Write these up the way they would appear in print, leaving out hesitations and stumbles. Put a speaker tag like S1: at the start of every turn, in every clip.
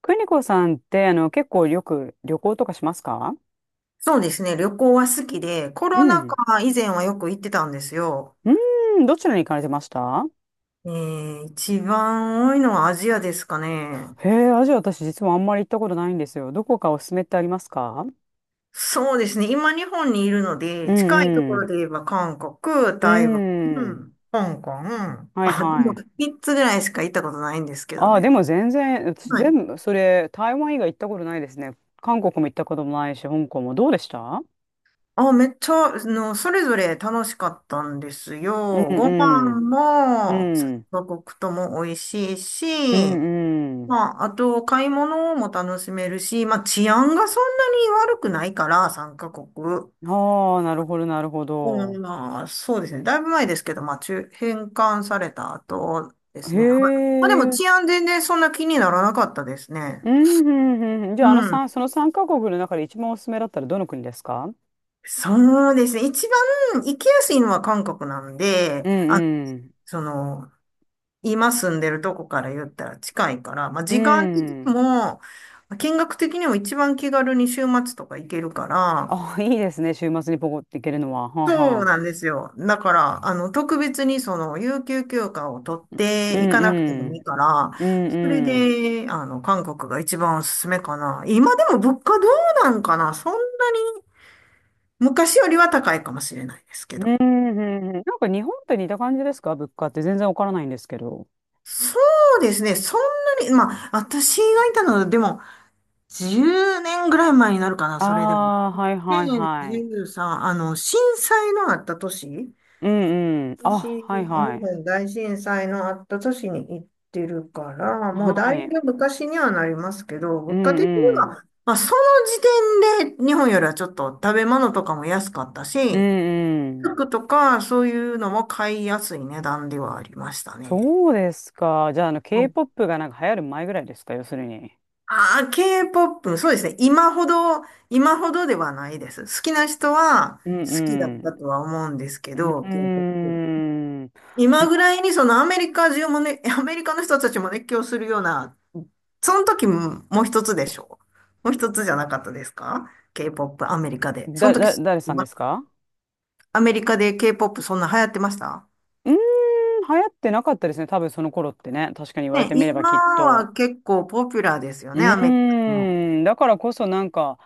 S1: 邦子さんって、結構よく旅行とかしますか？
S2: そうですね。旅行は好きで、コ
S1: う
S2: ロナ
S1: ん。
S2: 禍以前はよく行ってたんですよ。
S1: うーん、どちらに行かれてました？
S2: 一番多いのはアジアですかね。
S1: へえ、アジア私実はあんまり行ったことないんですよ。どこかおすすめってありますか？
S2: そうですね。今日本にいるの
S1: う
S2: で、近いと
S1: ん
S2: こ
S1: う
S2: ろ
S1: ん。
S2: で言えば韓国、
S1: うー
S2: 台湾、
S1: ん。
S2: 香港、
S1: はい
S2: あ、で
S1: は
S2: も
S1: い。
S2: 3つぐらいしか行ったことないんですけど
S1: ああ、で
S2: ね。
S1: も全然、私
S2: はい。
S1: 全部、それ、台湾以外行ったことないですね。韓国も行ったこともないし、香港も。どうでした？
S2: あ、めっちゃ、それぞれ楽しかったんです
S1: うん
S2: よ。ご
S1: う
S2: 飯
S1: ん。う
S2: も、3
S1: ん。
S2: カ国とも美味しいし、
S1: うんうん。
S2: まあ、あと、買い物も楽しめるし、まあ、治安がそんなに悪くないから、3カ国。
S1: ああ、なるほど、なるほ
S2: うん、
S1: ど。
S2: まあ、そうですね。だいぶ前ですけど、まあ、返還された後です
S1: へ
S2: ね。はい。まあ、でも治
S1: え。
S2: 安全然そんな気にならなかったですね。
S1: うん、うん、うんうん。じ
S2: う
S1: ゃあ、あの
S2: ん。
S1: 三その3カ国の中で一番おすすめだったらどの国ですか？
S2: そうですね。一番行きやすいのは韓国なんで、
S1: う
S2: あ、
S1: んうん。
S2: その、今住んでるとこから言ったら近いから、まあ、
S1: う
S2: 時間的に
S1: ん。
S2: も、見学的にも一番気軽に週末とか行けるから、
S1: あ、いいですね。週末にポコって行けるのは。はあ
S2: そう
S1: は
S2: な
S1: あ。
S2: んですよ。だから、特別に有給休暇を取っていかなくてもいいから、それで、韓国が一番おすすめかな。今でも物価どうなんかな昔よりは高いかもしれないですけ
S1: うん
S2: ど。
S1: うんうん。うんうんうんうん、なんか日本と似た感じですか？物価って全然わからないんですけど。
S2: そうですね。そんなに、まあ、私がいたのは、でも、10年ぐらい前になるかな、それでも。
S1: ああ、はい
S2: で、
S1: はいはい。
S2: 13、震災のあった年
S1: うんうん。あ、
S2: 私、
S1: はい
S2: 日
S1: はい。
S2: 本大震災のあった年に行ってるから、も
S1: は
S2: うだい
S1: い。
S2: ぶ昔にはなりますけど、
S1: う
S2: 物価
S1: ん
S2: 的に
S1: うん。
S2: は、まあ、その時点で日本よりはちょっと食べ物とかも安かった
S1: う
S2: し、
S1: んうん。
S2: 服とかそういうのも買いやすい値段ではありましたね。
S1: そうですか。じゃあ、
S2: うん
S1: K-POP がなんか流行る前ぐらいですか、要するに？
S2: ああ、K-POP、そうですね。今ほどではないです。好きな人は
S1: うん
S2: 好きだ
S1: う
S2: っ
S1: ん。
S2: たとは思うんですけど、
S1: うー
S2: k ポップ
S1: ん。ん
S2: 今ぐらいにアメリカ中もね、アメリカの人たちも熱狂するような、その時ももう一つでしょう。もう一つじゃなかったですか？ K-POP アメリカで。そ
S1: だ、
S2: の時、
S1: だ、誰さんですか？
S2: アメリカで K-POP そんな流行ってました
S1: うーん、流行ってなかったですね。多分その頃ってね。確かに言われ
S2: ね、
S1: てみれば
S2: 今
S1: きっと。
S2: は結構ポピュラーですよ
S1: う
S2: ね、アメリカも。
S1: ーん。だからこそなんか、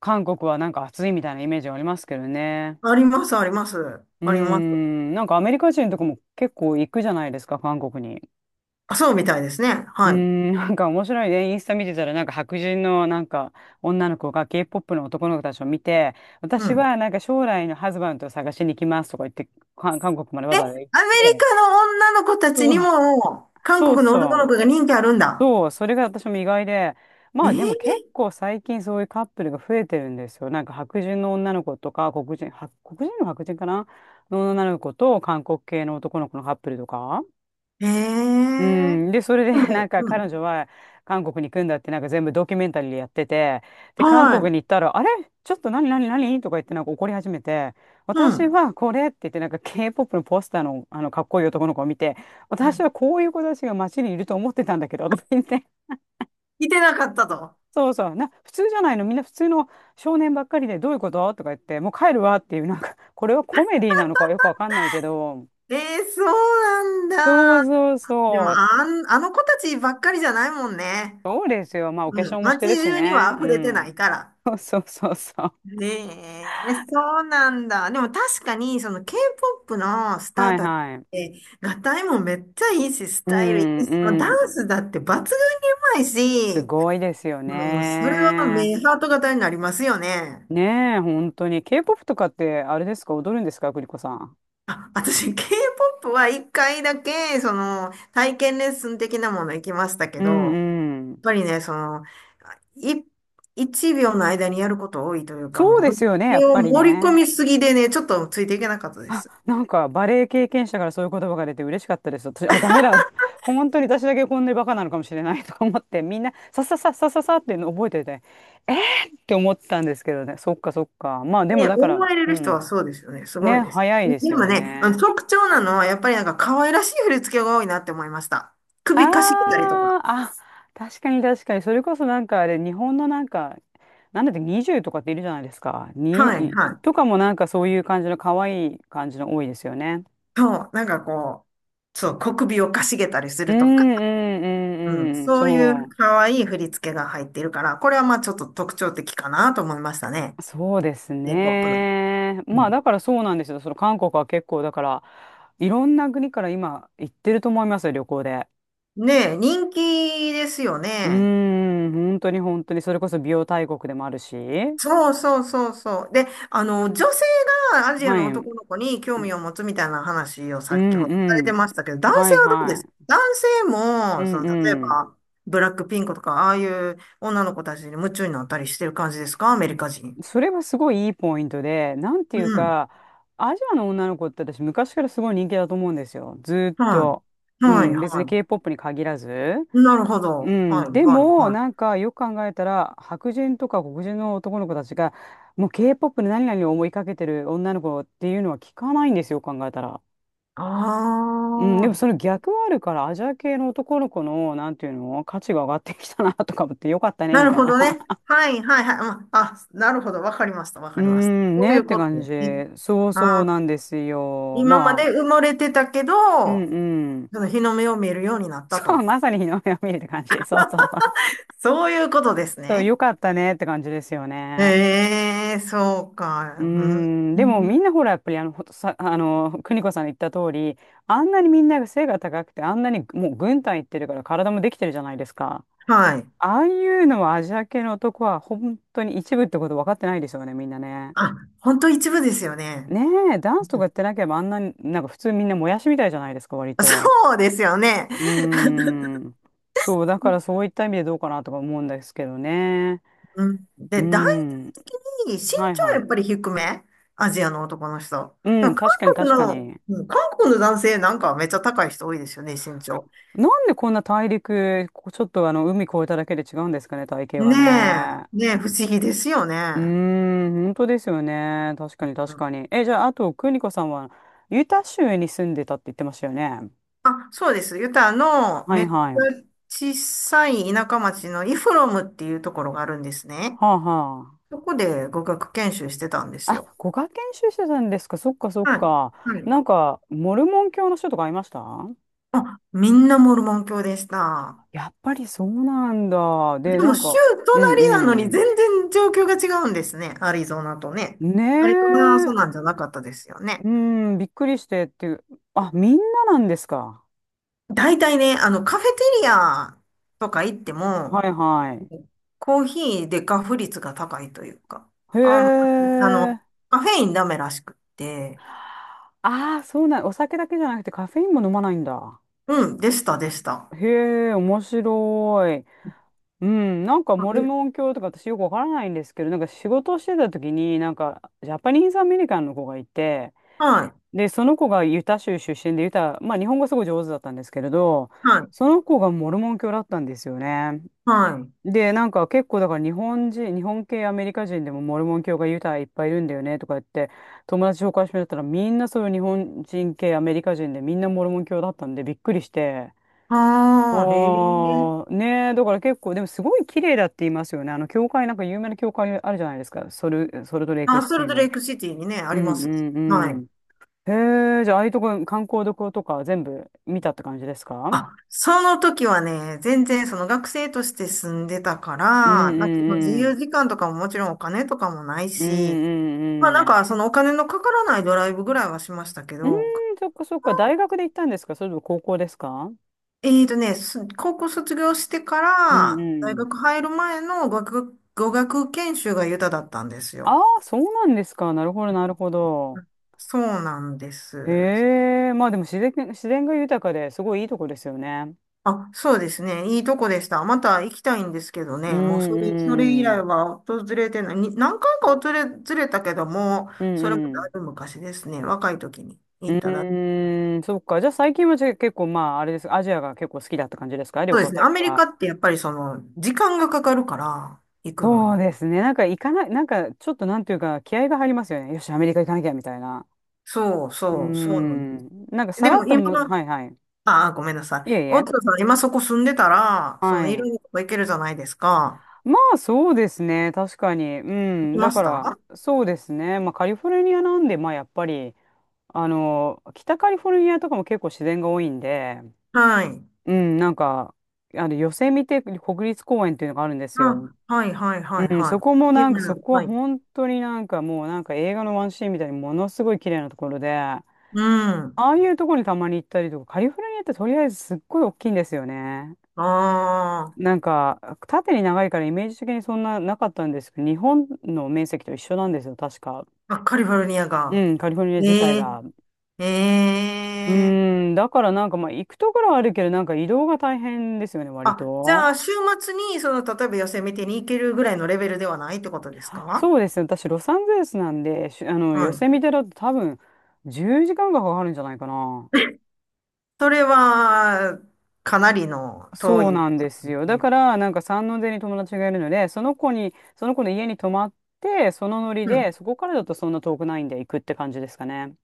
S1: 韓国はなんか暑いみたいなイメージありますけどね。
S2: あります、あります。
S1: うー
S2: あります。
S1: ん。なんかアメリカ人とかも結構行くじゃないですか、韓国に。
S2: あ、そうみたいですね。
S1: うー
S2: はい。
S1: ん、なんか面白いね。インスタ見てたら、なんか白人のなんか女の子が K-POP の男の子たちを見て、
S2: う
S1: 私
S2: ん。
S1: はなんか将来のハズバンドを探しに行きますとか言って、韓国まで
S2: え、
S1: わ
S2: ア
S1: ざ
S2: メ
S1: わ
S2: リ
S1: ざ行って、
S2: カの女の子たち
S1: そ
S2: に
S1: う、
S2: も、韓
S1: そう
S2: 国の男
S1: そ
S2: の
S1: う、
S2: 子が人気あるんだ。
S1: そう、それが私も意外で、
S2: え
S1: まあでも結
S2: ー、
S1: 構最近そういうカップルが増えてるんですよ。なんか白人の女の子とか、黒人、は黒人の白人かなの女の子と韓国系の男の子のカップルとか。
S2: え
S1: う
S2: ー、
S1: ん、で、それで
S2: で
S1: なん
S2: も、
S1: か
S2: う
S1: 彼
S2: ん。
S1: 女は韓国に行くんだってなんか全部ドキュメンタリーでやってて、で、韓国
S2: は
S1: に
S2: い。
S1: 行ったら、あれちょっと何何何とか言ってなんか怒り始めて、
S2: う
S1: 私
S2: ん。
S1: はこれって言ってなんか K-POP のポスターの、あのかっこいい男の子を見て、
S2: は
S1: 私
S2: い
S1: はこういう子たちが街にいると思ってたんだけど、とか言って、
S2: 来てなかったと。
S1: そうそう、普通じゃないの、みんな普通の少年ばっかりでどういうこととか言って、もう帰るわっていう、なんか、これはコメディなのかよくわかんないけど、
S2: えー、そう
S1: そう
S2: なんだ。
S1: そう
S2: でも、
S1: そう、
S2: あの子たちばっかりじゃないもんね。
S1: そうですよ。まあお化
S2: うん。
S1: 粧もし
S2: 街
S1: てるし
S2: 中には
S1: ね、う
S2: 溢れてな
S1: ん。
S2: いから。
S1: そうそうそうそう。
S2: ねえ、そうなんだ。でも確かに、その K-POP のスタ
S1: は
S2: ー
S1: い
S2: たちっ
S1: はい。
S2: て、合いもめっちゃいいし、ス
S1: う
S2: タイルい
S1: ん
S2: いし、もう
S1: う
S2: ダン
S1: ん。
S2: スだって抜群にうまい
S1: す
S2: し、
S1: ごいですよ
S2: もう、それは
S1: ね。
S2: 目ハート型になりますよね。
S1: ねえ、本当に。K-POP とかってあれですか、踊るんですか、栗子さん？
S2: あ、私、K-POP は一回だけ、体験レッスン的なもの行きましたけ
S1: う
S2: ど、やっ
S1: んうん。
S2: ぱりね、い、一秒の間にやること多いというか、
S1: そう
S2: もう、
S1: で
S2: 振
S1: すよね、や
S2: り
S1: っ
S2: を
S1: ぱり
S2: 盛り込
S1: ね。
S2: みすぎでね、ちょっとついていけなかったです。
S1: なんかバレエ経験者からそういう言葉が出て嬉しかったです。私、あ、ダメだ。本当に私だけこんなにバカなのかもしれない とか思って、みんなささささささっていうの覚えてて、えーって思ったんですけどね。そっかそっか。まあでも
S2: ね、
S1: だか
S2: 思わ
S1: ら、
S2: れ
S1: う
S2: る人は
S1: ん。
S2: そうですよね。すごい
S1: ね、
S2: です。
S1: 早い
S2: で
S1: です
S2: も
S1: よ
S2: ね、あの
S1: ね。
S2: 特徴なのは、やっぱりなんか可愛らしい振り付けが多いなって思いました。首かしげたりとか。
S1: ああ、あ、確かに確かに。それこそなんかあれ、日本のなんか、なんだって20とかっているじゃないですか。
S2: はい、は
S1: と
S2: い。
S1: かもなんかそういう感じの可愛い感じの多いですよね。
S2: そう、なんかこう、そう、小首をかしげたりす
S1: うん
S2: るとか、
S1: うん
S2: うん、
S1: うんうん。
S2: そういう
S1: そ
S2: 可愛い振り付けが入っているから、これはまあちょっと特徴的かなと思いましたね。
S1: う。そうです
S2: K-POP の。
S1: ね。
S2: う
S1: まあ
S2: ん。
S1: だからそうなんですよ。その韓国は結構だから、いろんな国から今行ってると思いますよ、旅行で。
S2: ねえ、人気ですよ
S1: うー
S2: ね。
S1: ん、本当に本当に。それこそ美容大国でもあるし。
S2: そうそうそうそう。で、女性がアジア
S1: は
S2: の
S1: い。うん
S2: 男の子に興味を持つみたいな話を
S1: う
S2: 先ほどされて
S1: ん。
S2: ましたけど、男
S1: は
S2: 性
S1: い
S2: はどうで
S1: は
S2: すか？
S1: い。
S2: 男性
S1: う
S2: も、
S1: ん
S2: 例え
S1: うん。
S2: ば、ブラックピンクとか、ああいう女の子たちに夢中になったりしてる感じですか？アメリカ人。
S1: それはすごいいいポイントで、なんて
S2: う
S1: いう
S2: ん。
S1: か、アジアの女の子って私昔からすごい人気だと思うんですよ。ずーっ
S2: はい。
S1: と。う
S2: はい、
S1: ん、別に
S2: は
S1: K-POP に限らず。
S2: い。なるほ
S1: う
S2: ど。
S1: ん、
S2: はい、
S1: で
S2: はい、
S1: も、
S2: はい。
S1: なんかよく考えたら、白人とか黒人の男の子たちが、もう K-POP で何々を思いかけてる女の子っていうのは聞かないんですよ、考えたら。
S2: あ
S1: うん、でもその
S2: あ、
S1: 逆はあるから、アジア系の男の子の、なんていうの、価値が上がってきたなとか思ってよかったね、
S2: な
S1: み
S2: る
S1: たい
S2: ほ
S1: な。
S2: どね。はいはいはい。うんあ、なるほど。わかりました。わ
S1: うー
S2: かりました。
S1: ん、
S2: そうい
S1: ねっ
S2: う
S1: て
S2: こと
S1: 感
S2: で
S1: じ。
S2: すね。
S1: そう
S2: あ
S1: そうなん
S2: ー、
S1: ですよ。
S2: 今まで
S1: まあ、
S2: 埋もれてたけ
S1: うん
S2: ど、
S1: うん。
S2: その日の目を見えるようにな った
S1: そう、
S2: と。
S1: まさに日の目を見るって感じ。そうそうそう。
S2: そういうことです
S1: そう、
S2: ね。
S1: よかったねって感じですよね。
S2: ええ、そう
S1: うー
S2: か。う
S1: ん、でも
S2: ん、
S1: みんなほら、やっぱりほんとさ、邦子さんの言った通り、あんなにみんなが背が高くて、あんなにもう軍隊行ってるから体もできてるじゃないですか。
S2: はい。
S1: ああいうのはアジア系の男は本当に一部ってこと分かってないですよね、みんなね。
S2: あ、本当一部ですよね。
S1: ねえ、ダンスと
S2: う
S1: か
S2: ん
S1: やってなければあんなに、なんか普通みんなもやしみたいじゃないですか、割と。
S2: そうですよね。
S1: うーん。そう、だからそういった意味でどうかなとか思うんですけどね。
S2: うん、
S1: うー
S2: で、
S1: ん。
S2: 身長
S1: はいは
S2: はや
S1: い。
S2: っぱり低めアジアの男の人。
S1: う
S2: で
S1: ん、
S2: も韓
S1: 確かに
S2: 国
S1: 確か
S2: の、うん
S1: に。
S2: 韓国の男性なんかはめっちゃ高い人多いですよね、身長。
S1: なんでこんな大陸、ちょっと海越えただけで違うんですかね、体型
S2: ね
S1: がね。
S2: え、ねえ、不思議ですよね。
S1: うーん、本当ですよね。確かに
S2: う
S1: 確
S2: ん
S1: かに。え、じゃあ、あと、邦子さんは、ユタ州に住んでたって言ってましたよね。
S2: あ、そうです。ユタの
S1: は
S2: め
S1: い
S2: っちゃ
S1: はい。は
S2: 小さい田舎町のイフロムっていうところがあるんですね。
S1: あは
S2: そこで語学研修してたんで
S1: あ。
S2: すよ。
S1: あ、ご学研修してたんですか。そっかそっ
S2: はい。
S1: か。
S2: はい。
S1: なんか、モルモン教の人とかいました？
S2: あ、みんなモルモン教でした。
S1: やっぱりそうなんだ。
S2: で
S1: で、な
S2: も
S1: ん
S2: 州
S1: か、うんう
S2: 隣なのに
S1: ん。
S2: 全然状況が違うんですね。アリゾナとね。
S1: ね
S2: アリゾナはそう
S1: え。
S2: なんじゃなかったですよね。
S1: うん、びっくりしてっていう。あ、みんななんですか？
S2: 大体ね、カフェテリアとか行って
S1: は
S2: も、
S1: いはい。
S2: コーヒーでガフ率が高いというか、
S1: へ
S2: あんまり、
S1: え。
S2: カフェインダメらしくって、
S1: ああ、そうなん。お酒だけじゃなくてカフェインも飲まないんだ。
S2: うん、でした、でした。
S1: へえ、面白い。うん、なんか
S2: あ
S1: モル
S2: で
S1: モン教とか私よくわからないんですけど、なんか仕事をしてた時に、なんかジャパニーズアメリカンの子がいて、
S2: はい、
S1: で、その子がユタ州出身で、ユタ、まあ日本語すごい上手だったんですけれど、
S2: はい、
S1: その子がモルモン教だったんですよね。
S2: はい。
S1: で、なんか結構だから日本人、日本系アメリカ人でもモルモン教がユタいっぱいいるんだよねとか言って、友達紹介してもらったらみんなそういう日本人系アメリカ人でみんなモルモン教だったんでびっくりして。
S2: ああ、へえ。
S1: ああ、ねえ、だから結構、でもすごい綺麗だって言いますよね。教会、なんか有名な教会あるじゃないですか。ソルトレイク
S2: あ、
S1: シ
S2: ソ
S1: テ
S2: ル
S1: ィ
S2: トレ
S1: の。
S2: イクシティにね、あ
S1: う
S2: り
S1: ん
S2: ま
S1: う
S2: す。は
S1: んう
S2: い。
S1: ん。へえ、じゃあ、ああいうとこ、観光どことか全部見たって感じですか？
S2: あ、その時はね、全然その学生として住んでたか
S1: うんう
S2: ら、なんかその自
S1: んう
S2: 由
S1: ん。
S2: 時間とかももちろんお金とかもない
S1: うんう
S2: し、まあな
S1: ん
S2: ん
S1: うん。
S2: かそのお金のかからないドライブぐらいはしましたけ
S1: うーん、
S2: ど、
S1: そっかそっか。大学で行ったんですか？それとも高校ですか？
S2: 高校卒業してか
S1: うん
S2: ら、大
S1: うん。
S2: 学入る前の語学研修がユタだったんです
S1: あ
S2: よ。
S1: あ、そうなんですか。なるほど、なるほど。
S2: そうなんで
S1: へ
S2: す。
S1: え、まあでも自然、自然が豊かですごいいいとこですよね。
S2: あ、そうですね。いいとこでした。また行きたいんですけど
S1: う
S2: ね。もうそれ以
S1: んうん。
S2: 来は訪れてない。に何回か訪れ、ずれたけども、
S1: う
S2: それも
S1: んう
S2: だい
S1: ん。
S2: ぶ昔ですね。若い時に
S1: う
S2: 行っただ。
S1: ーん、そっか。じゃあ最近は、じゃあ結構、まあ、あれです。アジアが結構好きだった感じですか？旅
S2: そうで
S1: 行
S2: すね。
S1: 先
S2: アメリ
S1: は。
S2: カってやっぱり時間がかかるから、行くの
S1: そう
S2: に。
S1: ですね。なんか行かない、なんかちょっとなんていうか気合が入りますよね。よし、アメリカ行かなきゃみたいな。
S2: そう
S1: うー
S2: そう、そうなんです。
S1: ん。なんかさ
S2: で
S1: ら
S2: も
S1: っと
S2: 今
S1: も、
S2: の、
S1: はいはい。
S2: ああ、ごめんなさい。
S1: いえい
S2: 大
S1: え。
S2: 田さん、今そこ住んでたら、
S1: は
S2: いろん
S1: い。
S2: なとこ行けるじゃないですか。
S1: まあそうですね。確かに。う
S2: 行き
S1: ん。だ
S2: ま
S1: か
S2: した
S1: ら、そうですね。まあカリフォルニアなんで、まあやっぱり、北カリフォルニアとかも結構自然が多いんで、
S2: はい。
S1: うん、なんか、ヨセミテ国立公園っていうのがあるんですよ。
S2: あ、はい、はい、はい、
S1: うん、
S2: はい。
S1: そこもな
S2: 有
S1: んか、
S2: 名な
S1: そこは
S2: はい。
S1: 本当になんかもうなんか映画のワンシーンみたいにものすごい綺麗なところで、
S2: うん。
S1: ああいうとこにたまに行ったりとか、カリフォルニアってとりあえずすっごい大きいんですよね。
S2: あ
S1: なんか、縦に長いからイメージ的にそんななかったんですけど、日本の面積と一緒なんですよ、確か。
S2: あ、あ、カリフォルニア
S1: う
S2: が。
S1: ん、カリフォルニア自体
S2: ええ、
S1: が。
S2: え
S1: う
S2: え。
S1: ーん、だからなんかまあ行くところはあるけど、なんか移動が大変ですよね、割
S2: あ、じ
S1: と。
S2: ゃあ、週末に、例えばヨセ見てに行けるぐらいのレベルではないってことです
S1: あ、
S2: か？
S1: そうですね、私ロサンゼルスなんで、しあの、
S2: う
S1: ヨセ
S2: ん、
S1: ミテだと多分10時間がかかるんじゃないかな。
S2: それは、かなりの遠
S1: そう
S2: い
S1: なん
S2: こ
S1: で
S2: と
S1: す
S2: で
S1: よ。
S2: す
S1: だ
S2: ね。
S1: から、なんか山王寺に友達がいるので、その子に、その子の家に泊まって、そのノリ
S2: う
S1: で、
S2: ん。
S1: そこからだとそんな遠くないんで行くって感じですかね。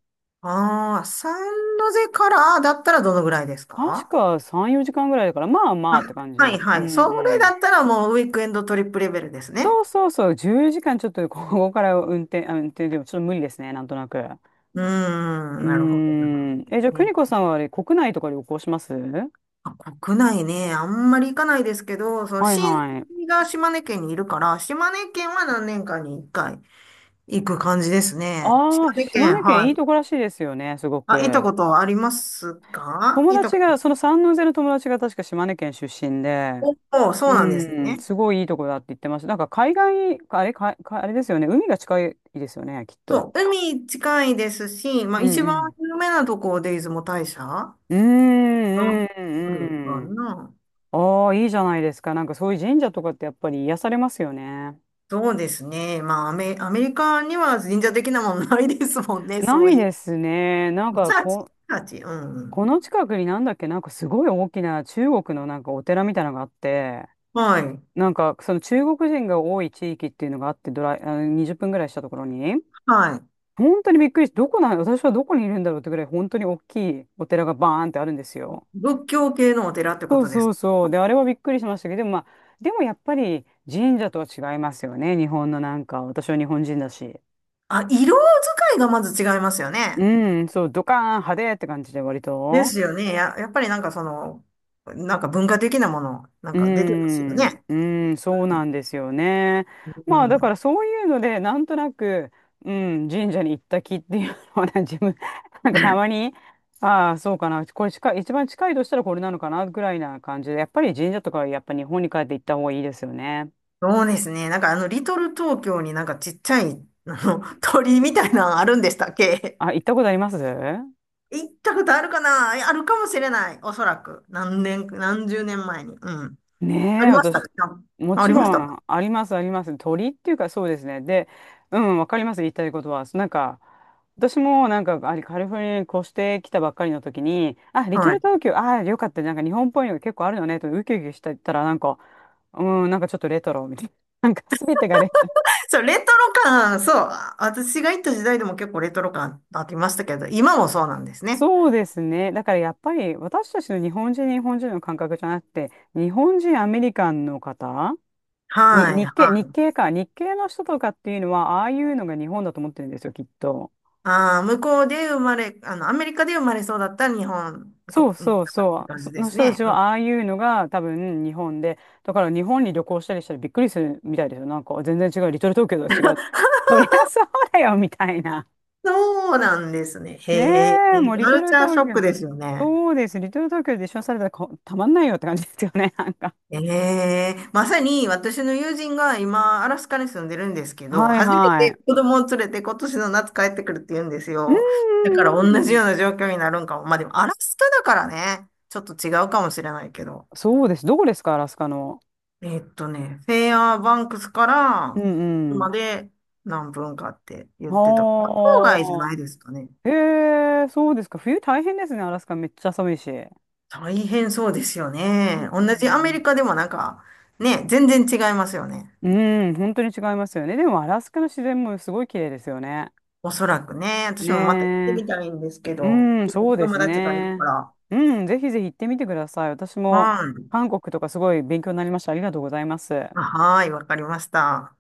S2: ああ、サンノゼからだったらどのぐらいです
S1: 確
S2: か？
S1: か3、4時間ぐらいだから、まあまあ
S2: あ、
S1: って感じ
S2: はい
S1: で。うんう
S2: はい。それ
S1: ん。
S2: だったらもうウィークエンドトリップレベルです
S1: そ
S2: ね。
S1: うそうそう、10時間ちょっと ここから運転、運転でもちょっと無理ですね、なんとなく。う
S2: うーん、
S1: ー
S2: なるほど。
S1: ん。え、じゃあ、邦子さんはあれ、国内とか旅行します？
S2: あ国内ね、あんまり行かないですけど、その
S1: はい
S2: 親戚
S1: はい。
S2: が島根県にいるから、島根県は何年かに一回行く感じですね。島
S1: ああ、
S2: 根
S1: 島
S2: 県、
S1: 根県
S2: は
S1: い
S2: い。
S1: いとこらしいですよね、すご
S2: あ、行った
S1: く。
S2: ことありますか？
S1: 友
S2: 行ったこ
S1: 達が、そ
S2: と。
S1: の三ノ瀬の友達が確か島根県出身で、
S2: おお、そう
S1: う
S2: なんです
S1: ん、
S2: ね。
S1: すごいいいとこだって言ってました。なんか海外、あれ、かあれですよね。海が近いですよね、きっ
S2: そう、
S1: と。
S2: 海近いですし、まあ
S1: うん
S2: 一
S1: う
S2: 番
S1: ん。
S2: 有名なとこで出雲大社が
S1: うーん、う
S2: あるか
S1: ん、うん。
S2: な。
S1: ああ、いいじゃないですか。なんかそういう神社とかってやっぱり癒されますよね。
S2: そうですね。まあアメリカには神社的なものないですもんね、
S1: な
S2: そう
S1: い
S2: い
S1: ですね。
S2: う。チャーチ、チャーチ、う
S1: こ
S2: ん。
S1: の近くになんだっけ、なんかすごい大きな中国のなんかお寺みたいなのがあって、
S2: はい。
S1: なんかその中国人が多い地域っていうのがあって、ドライ、あの20分ぐらいしたところに。
S2: はい。
S1: 本当にびっくりして、どこなん、私はどこにいるんだろうってぐらい、本当に大きいお寺がバーンってあるんですよ。
S2: 仏教系のお寺ってこ
S1: そう
S2: とで
S1: そ
S2: す。
S1: うそう。で、あれはびっくりしましたけど、でもまあ、でもやっぱり神社とは違いますよね。日本のなんか、私は日本人だし。
S2: あ、色使いがまず違いますよね。
S1: うん、そう、ドカーン派手って感じで割
S2: で
S1: と。
S2: すよね。やっぱりなんかなんか文化的なもの、なん
S1: うー
S2: か出てますよ
S1: ん、
S2: ね。
S1: うーん、そうなんですよね。
S2: う
S1: まあだから
S2: ん。
S1: そういうのでなんとなく、うん、神社に行った気っていうのはね 自分なんかたまに、ああそうかな、これ近い、一番近いとしたらこれなのかなぐらいな感じで、やっぱり神社とかはやっぱ日本に帰って行った方がいいですよね。
S2: そうですね。なんかリトル東京になんかちっちゃい、鳥居みたいなのあるんでしたっけ？
S1: あ、行ったことあります？
S2: 行ったことあるかなあるかもしれない。おそらく。何年、何十年前に。うん。あ
S1: ねえ、
S2: りました
S1: 私、
S2: か？
S1: も
S2: あ
S1: ち
S2: りまし
S1: ろ
S2: たか？
S1: ん、あります、あります。鳥っていうか、そうですね。で、うん、わかります、言いたいことは。なんか、私も、なんか、あれ、カリフォルニアに越してきたばっかりの時に、あ、リト
S2: は
S1: ル
S2: い。
S1: 東京、ああ、よかった、なんか日本っぽいのが結構あるよね、と、ウキウキしてたら、なんか、うん、なんかちょっとレトロみたいな。なんか、すべてがレトロ。
S2: そう、レトロ感、そう、私が行った時代でも結構レトロ感ありましたけど、今もそうなんですね。
S1: そうですね。だからやっぱり私たちの日本人、日本人の感覚じゃなくて、日本人、アメリカンの方
S2: は
S1: に、
S2: い、
S1: 日
S2: は
S1: 系、日
S2: い。
S1: 系か。日系の人とかっていうのは、ああいうのが日本だと思ってるんですよ、きっと。
S2: ああ、向こうで生まれ、アメリカで生まれそうだった日本
S1: そ
S2: 国
S1: う
S2: の方っ
S1: そう
S2: て
S1: そう。
S2: 感
S1: そ
S2: じで
S1: の
S2: す
S1: 人た
S2: ね。
S1: ち
S2: う
S1: は、
S2: ん
S1: ああいうのが多分日本で、だから日本に旅行したりしたらびっくりするみたいですよ。なんか、全然違う。リトル東京とは違う。そりゃそうだよ、みたいな。
S2: そうなんですね。
S1: ね
S2: へえ、
S1: え、もうリ
S2: カ
S1: ト
S2: ル
S1: ル
S2: チャーシ
S1: 東
S2: ョック
S1: 京。
S2: ですよね。
S1: そうです。リトル東京で一緒にされたらこたまんないよって感じですよね、なんか。
S2: ええまさに私の友人が今、アラスカに住んでるんですけど、
S1: はい
S2: 初め
S1: は
S2: て子供を連れて今年の夏帰ってくるって言うんです
S1: い。う
S2: よ。だから
S1: ん
S2: 同
S1: うん
S2: じ
S1: うん。
S2: ような状況になるんかも。まあでもアラスカだからね、ちょっと違うかもしれないけど。
S1: そうです。どこですか、アラスカの？
S2: フェアバンクスか
S1: う
S2: ら
S1: んうん。
S2: 車で何分かって言ってた。まあ
S1: は
S2: 郊外じゃないで
S1: あ。
S2: すかね。
S1: へえ、そうですか。冬大変ですね、アラスカめっちゃ寒いし。う
S2: 大変そうですよ
S1: ん
S2: ね。同じアメリカでもなんか、ね、全然違いますよね。
S1: うん、本当に違いますよね。でも、アラスカの自然もすごい綺麗ですよね。
S2: おそらくね、
S1: ね
S2: 私もまた行って
S1: え。
S2: みたいんですけど、
S1: うん、そうで
S2: 友
S1: す
S2: 達がいるか
S1: ね。
S2: ら。
S1: うん、ぜひぜひ行ってみてください。私も
S2: はい。
S1: 韓国とかすごい勉強になりました。ありがとうございます。
S2: あはい、わかりました。